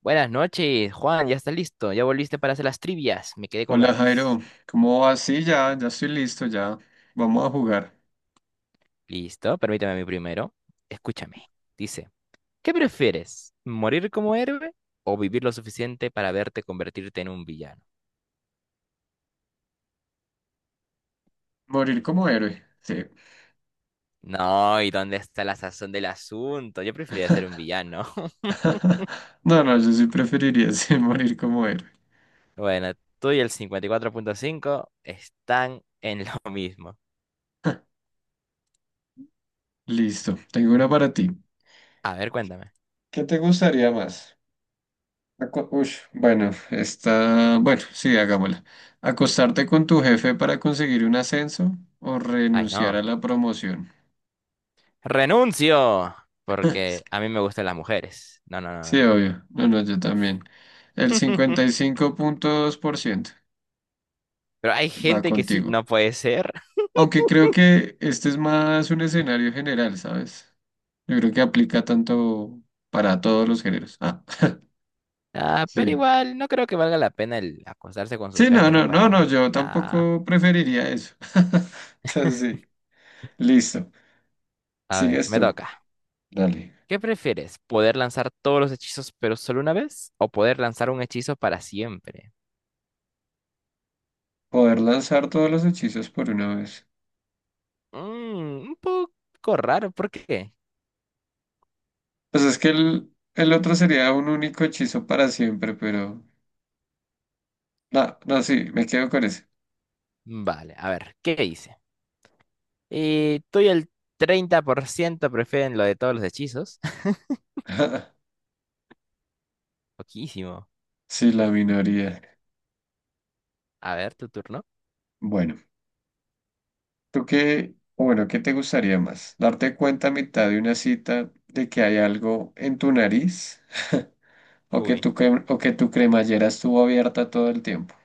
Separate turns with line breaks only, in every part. Buenas noches, Juan, ya estás listo, ya volviste para hacer las trivias, me quedé con
Hola Jairo,
ganas.
¿cómo vas? Sí, ya, ya estoy listo, ya. Vamos a jugar.
Listo, permítame a mí primero. Escúchame, dice, ¿qué prefieres? ¿Morir como héroe o vivir lo suficiente para verte convertirte en un villano?
Morir como héroe. Sí.
No, ¿y dónde está la sazón del asunto? Yo preferiría ser un villano.
No, no, yo sí preferiría sí, morir como héroe.
Bueno, tú y el 54.5 están en lo mismo.
Listo, tengo una para ti.
A ver, cuéntame.
¿Qué te gustaría más? Bueno, sí, hagámosla. ¿Acostarte con tu jefe para conseguir un ascenso o
Ay,
renunciar a
no.
la promoción?
Renuncio, porque a mí me gustan las mujeres. No, no, no,
Sí,
no, no.
obvio. No, no, yo también. El 55.2%
Pero hay
va
gente que sí,
contigo.
no puede ser.
Aunque creo que este es más un escenario general, ¿sabes? Yo creo que aplica tanto para todos los géneros. Ah,
Ah, pero
sí.
igual, no creo que valga la pena el acostarse con su
Sí, no,
jefe, ¿no?
no, no, no,
Para...
yo
Nah.
tampoco preferiría eso. Entonces, sí, listo.
A ver,
Sigues
me
tú.
toca.
Dale.
¿Qué prefieres? ¿Poder lanzar todos los hechizos pero solo una vez? ¿O poder lanzar un hechizo para siempre?
Poder lanzar todos los hechizos por una vez.
Un poco raro, ¿por qué?
Pues es que el otro sería un único hechizo para siempre, pero... No, no, sí, me quedo con ese.
Vale, a ver, ¿qué dice? Tú y el 30% prefieren lo de todos los hechizos. Poquísimo.
Sí, la minoría.
A ver, tu turno.
Bueno. ¿Tú qué, o bueno, qué te gustaría más? ¿Darte cuenta a mitad de una cita de que hay algo en tu nariz? ¿O que
Uy,
o que tu cremallera estuvo abierta todo el tiempo?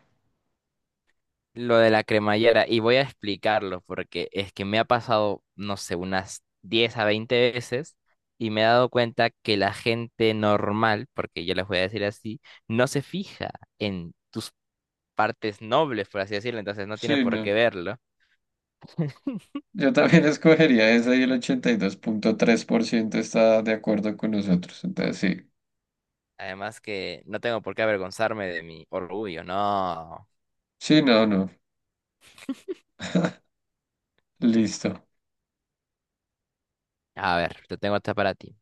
lo de la cremallera, y voy a explicarlo porque es que me ha pasado, no sé, unas 10 a 20 veces, y me he dado cuenta que la gente normal, porque yo les voy a decir así, no se fija en tus partes nobles, por así decirlo, entonces no tiene
Sí,
por
no.
qué verlo.
Yo también escogería esa y el 82.3% está de acuerdo con nosotros. Entonces, sí.
Además que no tengo por qué avergonzarme de mi orgullo, no.
Sí, no, no. Listo.
A ver, te tengo esta para ti.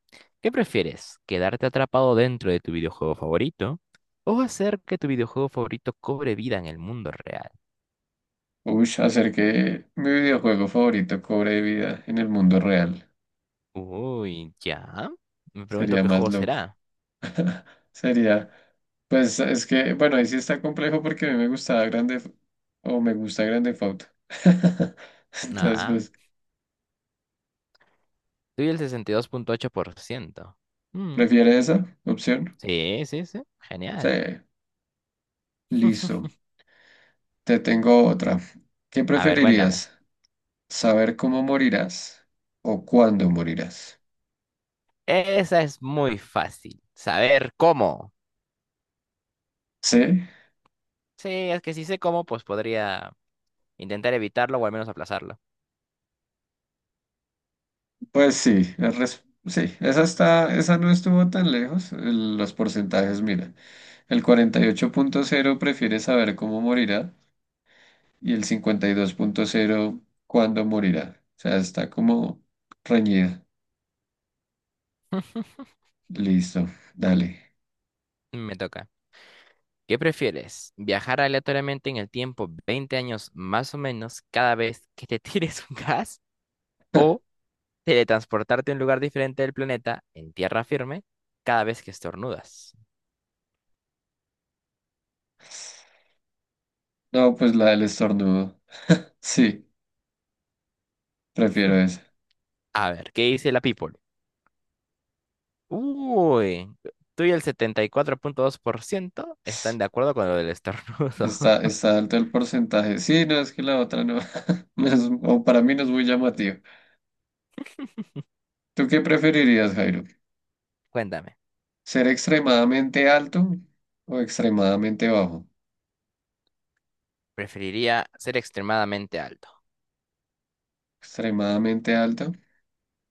¿Qué prefieres? ¿Quedarte atrapado dentro de tu videojuego favorito o hacer que tu videojuego favorito cobre vida en el mundo real?
Uy, hacer que mi videojuego favorito cobre vida en el mundo real.
Uy, ya. Me pregunto
Sería
qué
más
juego
loco.
será.
Sería. Pues es que, bueno, ahí sí está complejo porque a mí me gustaba Grande F- o me gusta Grande Foto. Entonces,
Ah,
pues,
estoy el 62.8%. Mm,
¿prefiere esa opción?
sí, sí, sí.
Sí,
Genial.
listo. Te tengo otra. ¿Qué
A ver, cuéntame.
preferirías? ¿Saber cómo morirás o cuándo morirás?
Esa es muy fácil. Saber cómo.
Sí,
Sí, es que si sé cómo, pues podría intentar evitarlo o al menos aplazarlo.
pues sí, sí, esa no estuvo tan lejos. Los porcentajes, mira, el 48.0 prefiere saber cómo morirá y el 52.0 cuándo morirá. O sea, está como reñida. Listo, dale.
Me toca. ¿Qué prefieres? ¿Viajar aleatoriamente en el tiempo 20 años más o menos cada vez que te tires un gas? ¿O teletransportarte a un lugar diferente del planeta, en tierra firme, cada vez que estornudas?
No, pues la del estornudo. Sí, prefiero esa.
A ver, ¿qué dice la people? Uy, tú y el 74.2% están de acuerdo con lo del estornudo.
Está, está alto el porcentaje. Sí, no, es que la otra no. No es- O para mí no es muy llamativo. ¿Tú qué preferirías, Jairo?
Cuéntame,
¿Ser extremadamente alto o extremadamente bajo?
¿preferiría ser extremadamente alto?
Extremadamente alto.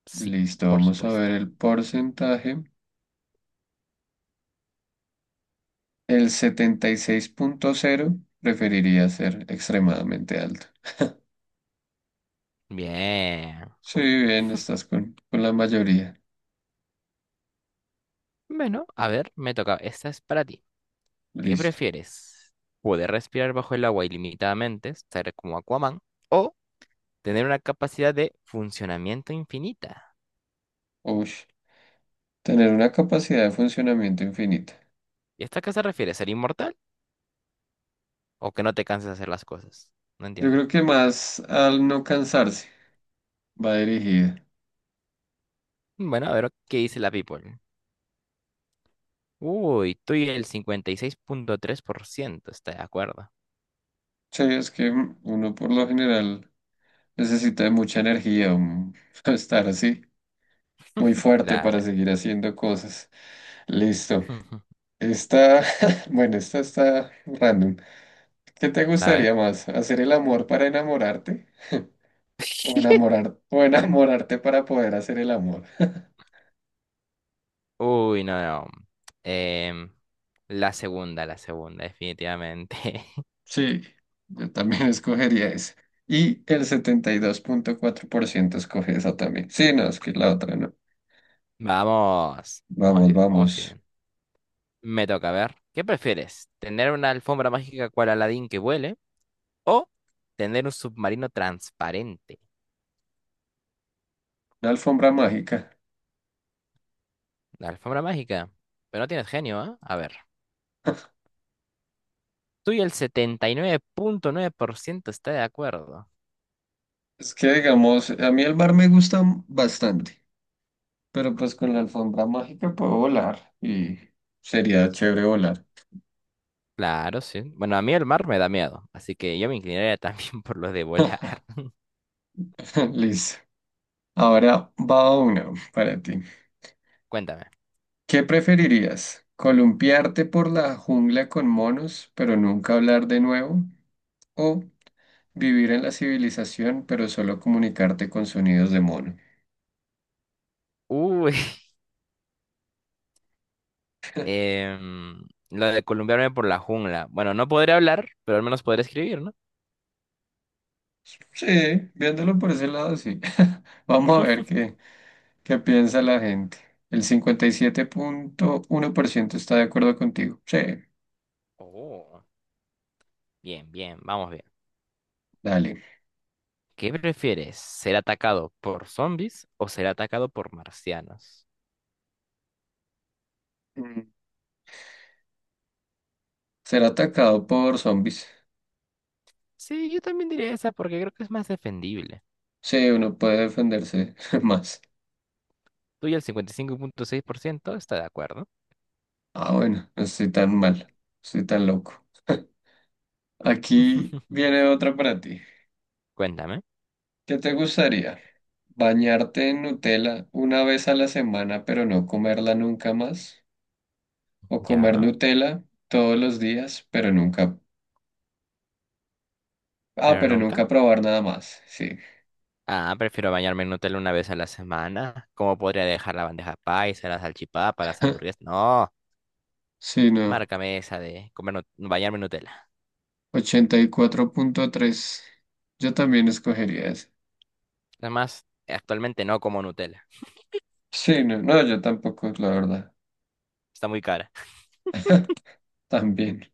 Sí,
Listo,
por
vamos a ver
supuesto.
el porcentaje. El 76.0 preferiría ser extremadamente alto.
Bien.
Sí, bien, estás con la mayoría.
Bueno, a ver, me toca. Esta es para ti. ¿Qué
Listo.
prefieres? ¿Poder respirar bajo el agua ilimitadamente, estar como Aquaman, o tener una capacidad de funcionamiento infinita?
Uy, tener una capacidad de funcionamiento infinita.
¿Y esto a qué se refiere? ¿Ser inmortal? ¿O que no te canses de hacer las cosas? No
Yo
entiendo.
creo que más al no cansarse va dirigida.
Bueno, a ver qué dice la people. Uy, tú y el 56.3% está de acuerdo.
Sí, es que uno por lo general necesita de mucha energía, estar así, muy fuerte para
Claro.
seguir haciendo cosas. Listo. Esta, bueno, esta está random. ¿Qué te
A ver.
gustaría más? ¿Hacer el amor para enamorarte? O o enamorarte para poder hacer el amor.
Uy, no, no. Em, la segunda, definitivamente.
Sí, yo también escogería esa. Y el 72.4% escoge esa también. Sí, no, es que la otra no.
Vamos. Vamos
Vamos,
bien, vamos
vamos.
bien. Me toca, a ver. ¿Qué prefieres? ¿Tener una alfombra mágica cual Aladdin que vuele? ¿O tener un submarino transparente?
Una alfombra mágica.
La alfombra mágica. Pero no tienes genio, ¿ah? A ver. Tú y el setenta y nueve punto nueve por ciento está de acuerdo.
Es que, digamos, a mí el mar me gusta bastante, pero pues con la alfombra mágica puedo volar y sería chévere volar.
Claro, sí. Bueno, a mí el mar me da miedo, así que yo me inclinaría también por lo de volar.
Listo. Ahora va una para ti.
Cuéntame.
¿Qué preferirías? ¿Columpiarte por la jungla con monos, pero nunca hablar de nuevo? ¿O vivir en la civilización, pero solo comunicarte con sonidos de mono?
Uy, em, lo de columpiarme por la jungla. Bueno, no podré hablar, pero al menos podré escribir, ¿no?
Sí, viéndolo por ese lado, sí. Vamos a ver qué piensa la gente. El 57.1% está de acuerdo contigo. Sí,
Oh, bien, bien, vamos bien.
dale.
¿Qué prefieres? ¿Ser atacado por zombies o ser atacado por marcianos?
Mm. Ser atacado por zombies.
Sí, yo también diría esa porque creo que es más defendible.
Sí, uno puede defenderse más.
Tú y el 55.6% está de acuerdo.
Ah, bueno, no estoy tan mal, no estoy tan loco. Aquí viene otra para ti.
Cuéntame.
¿Qué te gustaría? ¿Bañarte en Nutella una vez a la semana, pero no comerla nunca más? ¿O comer
Ya,
Nutella todos los días, pero nunca... Ah,
pero
pero
nunca.
nunca probar nada más. Sí.
Ah, prefiero bañarme en Nutella una vez a la semana. ¿Cómo podría dejar la bandeja paisa, la salchipapa, las hamburguesas? No,
Sí, no.
márcame esa de comer bañarme en Nutella.
84.3. Yo también escogería ese.
Además, actualmente no como Nutella.
Sí, no, no, yo tampoco, la verdad.
Está muy cara.
También.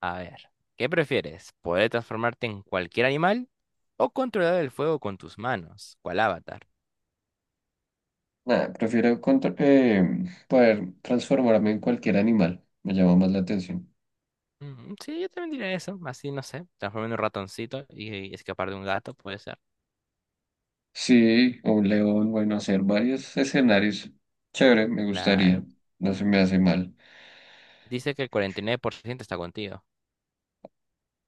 A ver, ¿qué prefieres? ¿Poder transformarte en cualquier animal o controlar el fuego con tus manos? ¿Cuál avatar?
Nada, prefiero poder transformarme en cualquier animal. Me llama más la atención.
Mm, sí, yo también diría eso. Así, no sé, transformarme en un ratoncito y escapar de un gato, puede ser.
Sí, o León, bueno, hacer varios escenarios. Chévere, me gustaría.
Claro.
No se me hace mal.
Dice que el 49% está contigo.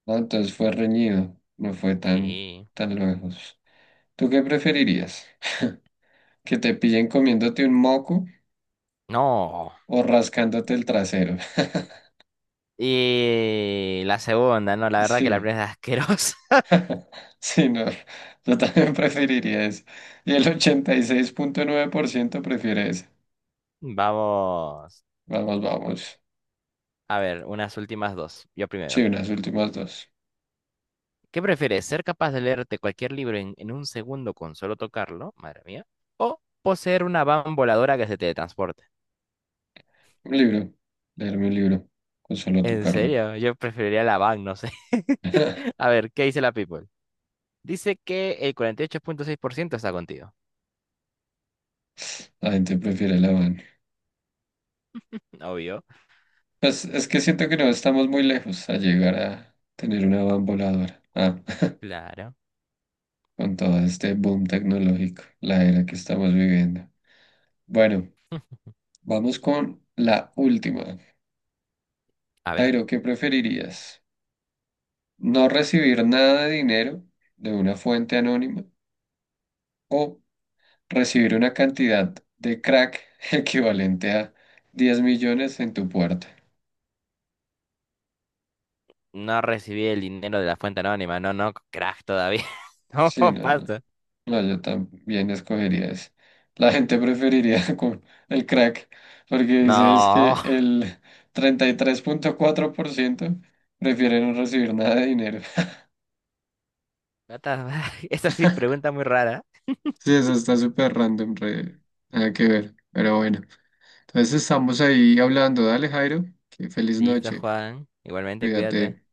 No, entonces fue reñido, no fue tan,
Sí.
tan lejos. ¿Tú qué preferirías? ¿Que te pillen comiéndote un moco
No.
o rascándote el trasero?
Y la segunda, no, la verdad que la
Sí,
primera es asquerosa.
sí, no. Yo también preferiría eso. Y el 86.9% prefiere eso.
Vamos.
Vamos, vamos.
A ver, unas últimas dos. Yo
Sí,
primero.
unas últimas dos.
¿Qué prefieres? ¿Ser capaz de leerte cualquier libro en un segundo con solo tocarlo? Madre mía. ¿O poseer una van voladora que se teletransporte?
Un libro. Leerme un libro. Con solo
En
tocarlo.
serio, yo preferiría la van, no sé. A ver, ¿qué dice la People? Dice que el 48.6% está contigo.
La gente prefiere la van.
Obvio.
Es que siento que no estamos muy lejos a llegar a tener una van voladora. Ah,
Claro.
con todo este boom tecnológico, la era que estamos viviendo. Bueno, vamos con la última.
A ver.
Jairo, ¿qué preferirías? ¿No recibir nada de dinero de una fuente anónima o recibir una cantidad de crack equivalente a 10 millones en tu puerta?
No recibí el dinero de la fuente anónima, no, no, crack todavía. No,
Sí, no, no.
pasa.
No, yo también escogería eso. La gente preferiría con el crack, porque dice es
No.
que el 33.4% prefieren no recibir nada de dinero.
What the fuck? Esa sí pregunta muy rara.
Sí, eso está súper random, nada que ver. Pero bueno, entonces estamos ahí hablando. Dale, Jairo, que feliz
Listo,
noche.
Juan. Igualmente, cuídate.
Cuídate.